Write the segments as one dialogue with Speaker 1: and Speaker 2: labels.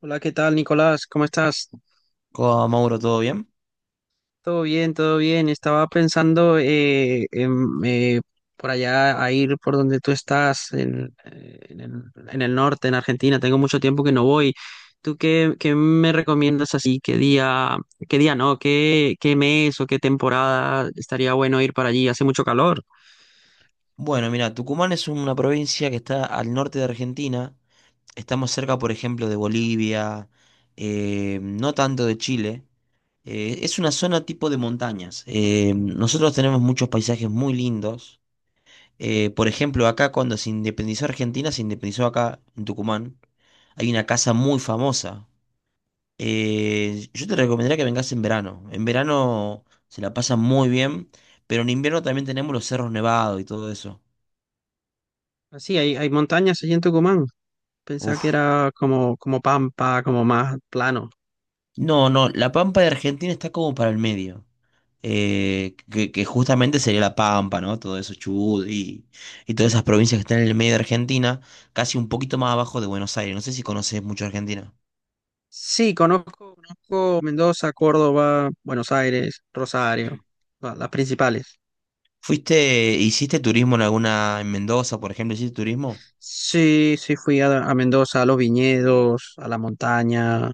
Speaker 1: Hola, ¿qué tal, Nicolás? ¿Cómo estás?
Speaker 2: ¿Cómo va, Mauro? ¿Todo bien?
Speaker 1: Todo bien, todo bien. Estaba pensando eh, por allá a ir por donde tú estás, en el norte, en Argentina. Tengo mucho tiempo que no voy. ¿Tú qué me recomiendas así? ¿Qué día no? ¿Qué mes o qué temporada estaría bueno ir para allí? Hace mucho calor.
Speaker 2: Bueno, mira, Tucumán es una provincia que está al norte de Argentina. Estamos cerca, por ejemplo, de Bolivia, no tanto de Chile. Es una zona tipo de montañas. Nosotros tenemos muchos paisajes muy lindos. Por ejemplo, acá cuando se independizó Argentina, se independizó acá en Tucumán. Hay una casa muy famosa. Yo te recomendaría que vengas en verano. En verano se la pasa muy bien, pero en invierno también tenemos los cerros nevados y todo eso.
Speaker 1: Así, hay montañas allí en Tucumán. Pensaba que
Speaker 2: Uf.
Speaker 1: era como pampa, como más plano.
Speaker 2: No, no, la Pampa de Argentina está como para el medio. Que justamente sería la Pampa, ¿no? Todo eso, Chubut y todas esas provincias que están en el medio de Argentina, casi un poquito más abajo de Buenos Aires. No sé si conoces mucho Argentina.
Speaker 1: Sí, conozco Mendoza, Córdoba, Buenos Aires, Rosario, las principales.
Speaker 2: ¿Fuiste, hiciste turismo en alguna, en Mendoza, por ejemplo, hiciste turismo?
Speaker 1: Sí, sí, fui a Mendoza, a los viñedos, a la montaña.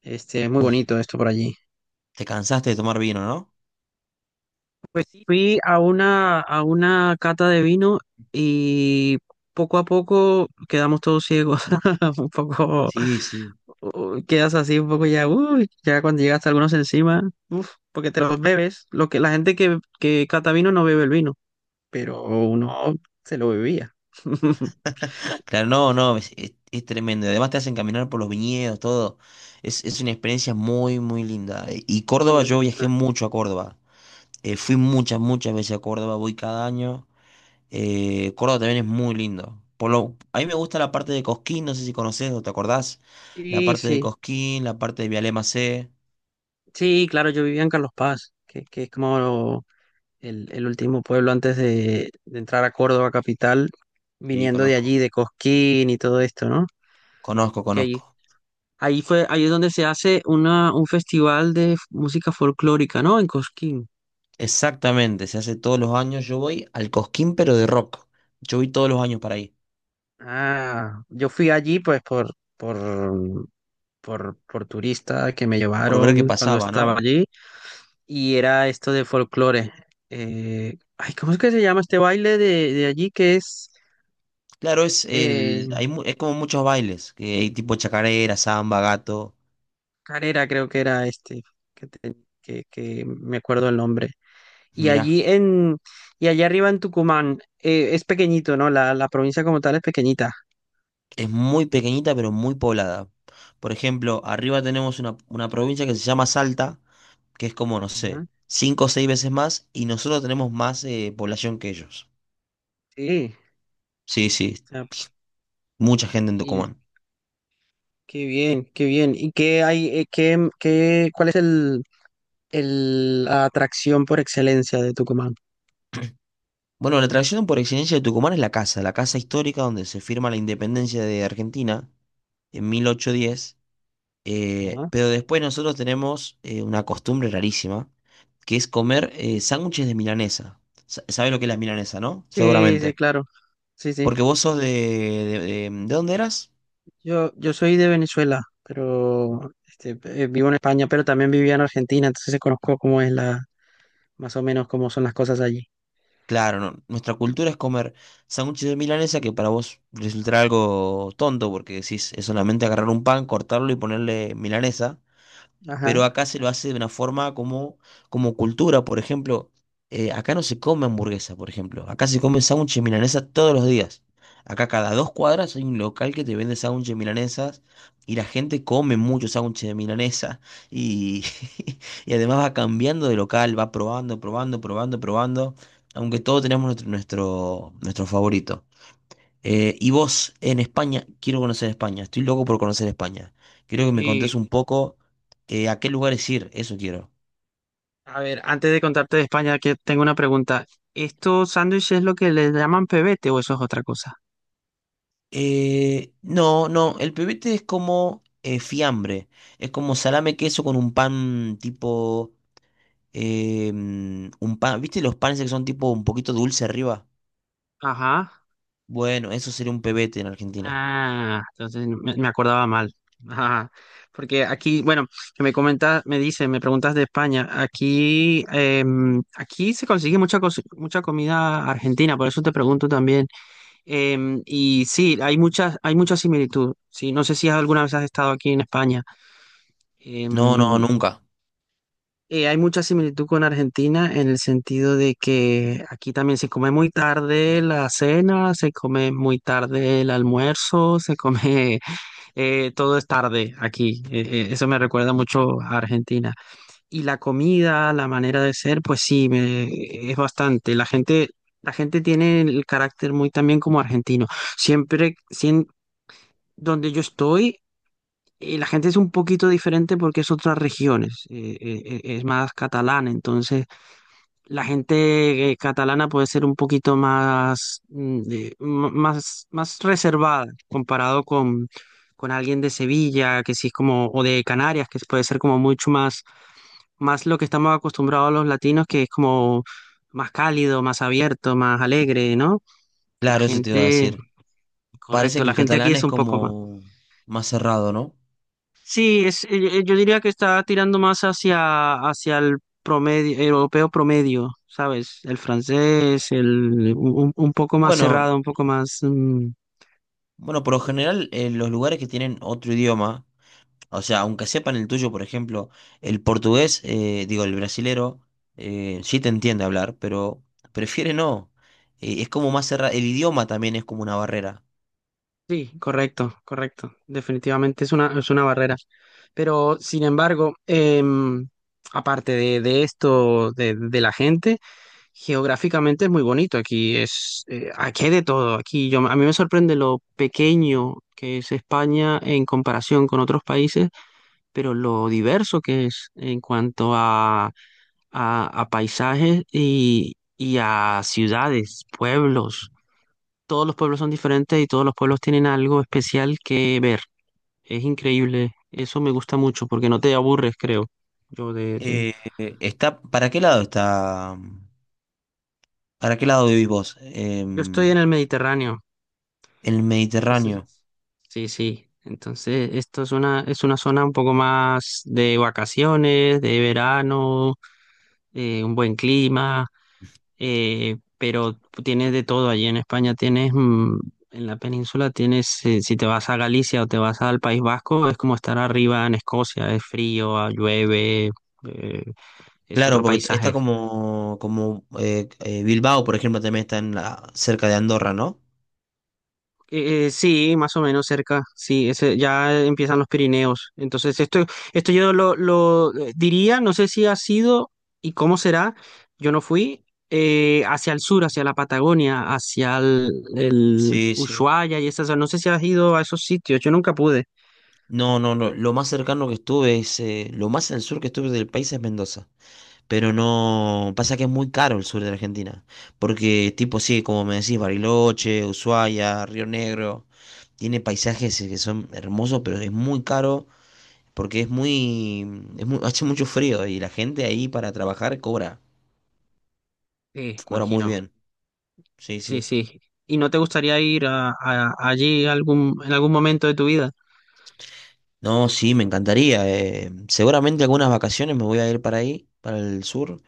Speaker 1: Este, es muy
Speaker 2: Uf,
Speaker 1: bonito esto por allí.
Speaker 2: te cansaste de tomar vino, ¿no?
Speaker 1: Pues sí, fui a a una cata de vino y poco a poco quedamos todos ciegos. Un poco,
Speaker 2: Sí, sí.
Speaker 1: quedas así un poco ya, uy, ya cuando llegaste a algunos encima, uf, porque te los bebes. La gente que cata vino no bebe el vino, pero uno se lo bebía.
Speaker 2: Claro, no, no, es, es tremendo. Además te hacen caminar por los viñedos, todo. Es una experiencia muy, muy linda. Y
Speaker 1: Muy
Speaker 2: Córdoba, yo viajé
Speaker 1: bonita.
Speaker 2: mucho a Córdoba. Fui muchas, muchas veces a Córdoba, voy cada año. Córdoba también es muy lindo. Por lo, a mí me gusta la parte de Cosquín, no sé si conoces o te acordás. La
Speaker 1: Sí,
Speaker 2: parte de
Speaker 1: sí,
Speaker 2: Cosquín, la parte de Vialema C.
Speaker 1: sí, claro, yo vivía en Carlos Paz, que es como el último pueblo antes de entrar a Córdoba capital,
Speaker 2: Sí,
Speaker 1: viniendo de allí,
Speaker 2: conozco.
Speaker 1: de Cosquín y todo esto, ¿no?
Speaker 2: Conozco,
Speaker 1: Que ahí,
Speaker 2: conozco.
Speaker 1: ahí fue, ahí es donde se hace una, un festival de música folclórica, ¿no? En Cosquín.
Speaker 2: Exactamente, se hace todos los años. Yo voy al Cosquín, pero de rock. Yo voy todos los años para ahí,
Speaker 1: Ah, yo fui allí pues por turista, que me
Speaker 2: por ver qué
Speaker 1: llevaron cuando
Speaker 2: pasaba,
Speaker 1: estaba
Speaker 2: ¿no?
Speaker 1: allí, y era esto de folclore. Ay, ¿cómo es que se llama este baile de allí, que es
Speaker 2: Claro, es,
Speaker 1: eh,
Speaker 2: el, hay, es como muchos bailes, que hay tipo chacarera, samba, gato.
Speaker 1: carera, creo que era este, que, te- que me acuerdo el nombre. Y
Speaker 2: Mirá.
Speaker 1: allí en, y allá arriba en Tucumán, es pequeñito, ¿no? La provincia como tal es pequeñita.
Speaker 2: Es muy pequeñita pero muy poblada. Por ejemplo, arriba tenemos una provincia que se llama Salta, que es como, no sé,
Speaker 1: Ujú.
Speaker 2: cinco o seis veces más y nosotros tenemos más población que ellos.
Speaker 1: Sí,
Speaker 2: Sí, sí,
Speaker 1: o sea,
Speaker 2: mucha gente en
Speaker 1: y
Speaker 2: Tucumán.
Speaker 1: qué bien, qué bien. ¿Y qué hay, cuál es el, la atracción por excelencia de Tucumán?
Speaker 2: Bueno, la atracción por excelencia de Tucumán es la casa histórica donde se firma la independencia de Argentina en 1810,
Speaker 1: Ujú.
Speaker 2: pero después nosotros tenemos una costumbre rarísima, que es comer sándwiches de milanesa. ¿Sabes lo que es la milanesa, no?
Speaker 1: Sí, sí,
Speaker 2: Seguramente.
Speaker 1: claro. Sí, sí.
Speaker 2: Porque vos sos de, ¿de dónde eras?
Speaker 1: Yo soy de Venezuela, pero este, vivo en España, pero también vivía en Argentina, entonces conozco cómo es más o menos cómo son las cosas allí.
Speaker 2: Claro, no, nuestra cultura es comer sándwiches de milanesa que para vos resultará algo tonto porque decís, es solamente agarrar un pan, cortarlo y ponerle milanesa.
Speaker 1: Ajá.
Speaker 2: Pero acá se lo hace de una forma como, como cultura, por ejemplo, acá no se come hamburguesa, por ejemplo, acá se come sándwiches milanesas todos los días. Acá cada dos cuadras hay un local que te vende sándwiches milanesas y la gente come mucho sándwiches de milanesa y, y además va cambiando de local, va probando, probando, probando, probando, aunque todos tenemos nuestro, nuestro, nuestro favorito. Y vos en España, quiero conocer España, estoy loco por conocer España. Quiero que me contés
Speaker 1: Y
Speaker 2: un poco a qué lugares ir, eso quiero.
Speaker 1: a ver, antes de contarte de España, que tengo una pregunta. ¿Estos sándwiches es lo que le llaman pebete o eso es otra cosa?
Speaker 2: No, no, el pebete es como fiambre, es como salame queso con un pan tipo, un pan, ¿viste los panes que son tipo un poquito dulce arriba?
Speaker 1: Ajá.
Speaker 2: Bueno, eso sería un pebete en Argentina.
Speaker 1: Ah, entonces me acordaba mal. Ajá. Porque aquí, bueno, que me comentas, me dices, me preguntas de España. Aquí, aquí se consigue mucha, mucha comida argentina, por eso te pregunto también. Y sí, hay muchas, hay mucha similitud. Sí, no sé si alguna vez has estado aquí en España.
Speaker 2: No, no,
Speaker 1: Em,
Speaker 2: nunca.
Speaker 1: hay mucha similitud con Argentina en el sentido de que aquí también se come muy tarde la cena, se come muy tarde el almuerzo, se come todo es tarde aquí. Eso me recuerda mucho a Argentina. Y la comida, la manera de ser, pues sí, me, es bastante. La gente tiene el carácter muy también como argentino siempre, donde yo estoy, la gente es un poquito diferente porque es otras regiones, es más catalana, entonces la gente catalana puede ser un poquito más, mm, más reservada comparado con alguien de Sevilla, que sí es como, o de Canarias, que puede ser como mucho más, más lo que estamos acostumbrados los latinos, que es como más cálido, más abierto, más alegre, ¿no? La
Speaker 2: Claro, eso te iba a
Speaker 1: gente,
Speaker 2: decir. Parece
Speaker 1: correcto,
Speaker 2: que
Speaker 1: la
Speaker 2: el
Speaker 1: gente aquí
Speaker 2: catalán
Speaker 1: es
Speaker 2: es
Speaker 1: un poco más.
Speaker 2: como más cerrado, ¿no?
Speaker 1: Sí, es, yo diría que está tirando más hacia el promedio, europeo promedio, ¿sabes? El francés, un poco más
Speaker 2: Bueno,
Speaker 1: cerrado, un poco más... mm,
Speaker 2: bueno, por lo
Speaker 1: eh,
Speaker 2: general, los lugares que tienen otro idioma, o sea, aunque sepan el tuyo, por ejemplo, el portugués, digo, el brasilero, sí te entiende hablar, pero prefiere no. Es como más cerrado, el idioma también es como una barrera.
Speaker 1: sí, correcto, correcto. Definitivamente es una barrera. Pero, sin embargo, em, aparte de esto, de la gente, geográficamente es muy bonito. Aquí es, aquí hay de todo. Aquí yo, a mí me sorprende lo pequeño que es España en comparación con otros países, pero lo diverso que es en cuanto a paisajes y a ciudades, pueblos. Todos los pueblos son diferentes y todos los pueblos tienen algo especial que ver. Es increíble. Eso me gusta mucho porque no te aburres, creo. Yo de, de-
Speaker 2: Está, ¿para qué lado está? ¿Para qué lado vivís vos?
Speaker 1: yo estoy en el Mediterráneo.
Speaker 2: El
Speaker 1: Entonces,
Speaker 2: Mediterráneo.
Speaker 1: sí, sí. Entonces, esto es una zona un poco más de vacaciones, de verano, un buen clima. Eh, pero tienes de todo allí en España, tienes, mm, en la península tienes, si te vas a Galicia o te vas al País Vasco, es como estar arriba en Escocia, es frío, ah, llueve, eh, es
Speaker 2: Claro,
Speaker 1: otro
Speaker 2: porque está
Speaker 1: paisaje.
Speaker 2: como, como Bilbao, por ejemplo, también está en cerca de Andorra, ¿no?
Speaker 1: Sí, más o menos cerca, sí, ese, ya empiezan los Pirineos. Entonces, esto yo diría, no sé si ha sido y cómo será, yo no fui, hacia el sur, hacia la Patagonia, el
Speaker 2: Sí, sí.
Speaker 1: Ushuaia y esas, no sé si has ido a esos sitios, yo nunca pude.
Speaker 2: No, no, no. Lo más cercano que estuve es, lo más al sur que estuve del país es Mendoza. Pero no, pasa que es muy caro el sur de la Argentina. Porque tipo, sí, como me decís, Bariloche, Ushuaia, Río Negro, tiene paisajes que son hermosos, pero es muy caro porque es muy, hace mucho frío y la gente ahí para trabajar cobra,
Speaker 1: Sí,
Speaker 2: cobra muy
Speaker 1: imagino,
Speaker 2: bien. Sí,
Speaker 1: sí,
Speaker 2: sí.
Speaker 1: sí. ¿Y no te gustaría ir allí algún, en algún momento de tu vida?
Speaker 2: No, sí, me encantaría. Seguramente algunas vacaciones me voy a ir para ahí, para el sur.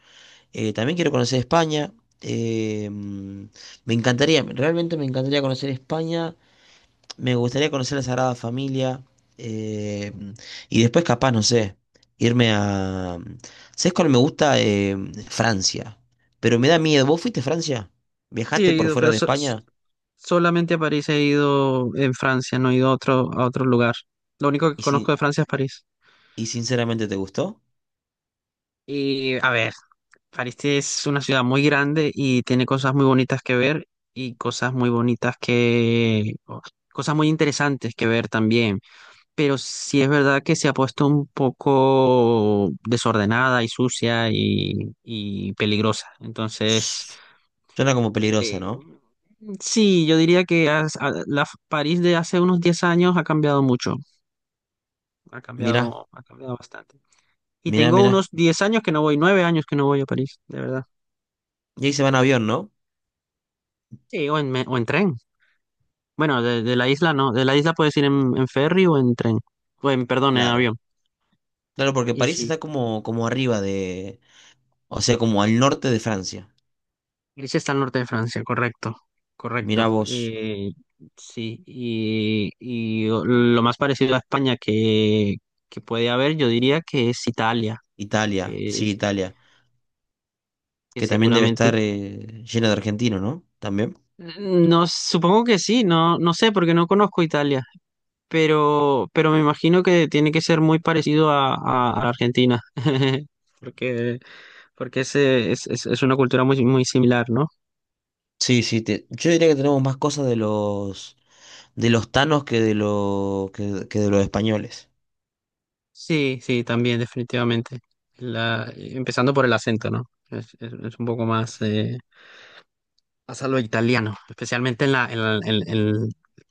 Speaker 2: También quiero conocer España. eh, mm, me encantaría, realmente me encantaría conocer España. Me gustaría conocer la Sagrada Familia. eh, y después, capaz, no sé, irme a... ¿Sabes cuál me gusta? Francia. Pero me da miedo. ¿Vos fuiste a Francia?
Speaker 1: Sí,
Speaker 2: ¿Viajaste
Speaker 1: he
Speaker 2: por
Speaker 1: ido,
Speaker 2: fuera
Speaker 1: pero
Speaker 2: de España?
Speaker 1: solamente a París he ido en Francia, no he ido a otro lugar. Lo único que
Speaker 2: ¿Y,
Speaker 1: conozco
Speaker 2: sin-
Speaker 1: de Francia es París.
Speaker 2: ¿Y sinceramente te gustó?
Speaker 1: Y a ver, París es una ciudad muy grande y tiene cosas muy bonitas que ver y cosas muy bonitas que... o cosas muy interesantes que ver también. Pero sí es verdad que se ha puesto un poco desordenada y sucia y peligrosa. Entonces,
Speaker 2: Suena como peligrosa,
Speaker 1: eh,
Speaker 2: ¿no?
Speaker 1: sí, yo diría que la París de hace unos 10 años ha cambiado mucho. Ha
Speaker 2: Mirá,
Speaker 1: cambiado, ha cambiado bastante. Y
Speaker 2: mirá,
Speaker 1: tengo
Speaker 2: mirá.
Speaker 1: unos 10 años que no voy, 9 años que no voy a París, de verdad.
Speaker 2: Y ahí se van en avión, ¿no?
Speaker 1: Sí, o en tren. Bueno, de la isla no, de la isla puedes ir en ferry o en tren, o en, perdón, en
Speaker 2: Claro.
Speaker 1: avión.
Speaker 2: Claro, porque
Speaker 1: Y
Speaker 2: París
Speaker 1: sí,
Speaker 2: está como, como arriba. O sea, como al norte de Francia.
Speaker 1: Grecia está al norte de Francia, correcto,
Speaker 2: Mirá
Speaker 1: correcto.
Speaker 2: vos,
Speaker 1: Sí, y lo más parecido a España que puede haber, yo diría que es Italia,
Speaker 2: Italia,
Speaker 1: que,
Speaker 2: sí,
Speaker 1: es-
Speaker 2: Italia,
Speaker 1: que
Speaker 2: que también debe
Speaker 1: seguramente,
Speaker 2: estar llena de argentinos, ¿no? También.
Speaker 1: no, supongo que sí, no, no sé, porque no conozco Italia. Pero me imagino que tiene que ser muy parecido a Argentina, porque, porque ese es una cultura muy, muy similar, ¿no?
Speaker 2: Sí, sí, yo diría que tenemos más cosas de los tanos que de los españoles.
Speaker 1: Sí, sí, también, definitivamente. Empezando por el acento, ¿no? Es un poco más, más a lo italiano, especialmente en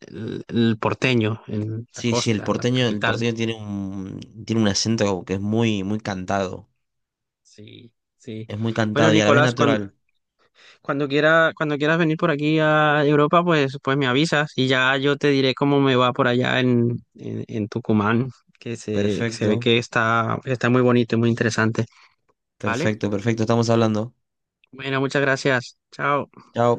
Speaker 1: el porteño, en la
Speaker 2: Sí, sí,
Speaker 1: costa, la
Speaker 2: el
Speaker 1: capital.
Speaker 2: porteño tiene un acento que es muy muy cantado,
Speaker 1: Sí, sí.
Speaker 2: es muy
Speaker 1: Bueno,
Speaker 2: cantado y a la vez
Speaker 1: Nicolás,
Speaker 2: natural.
Speaker 1: cuando quiera, cuando quieras venir por aquí a Europa, pues, pues me avisas y ya yo te diré cómo me va por allá en Tucumán, que se ve
Speaker 2: Perfecto,
Speaker 1: que está, está muy bonito y muy interesante. ¿Vale?
Speaker 2: perfecto, perfecto, estamos hablando.
Speaker 1: Bueno, muchas gracias. Chao.
Speaker 2: Chao.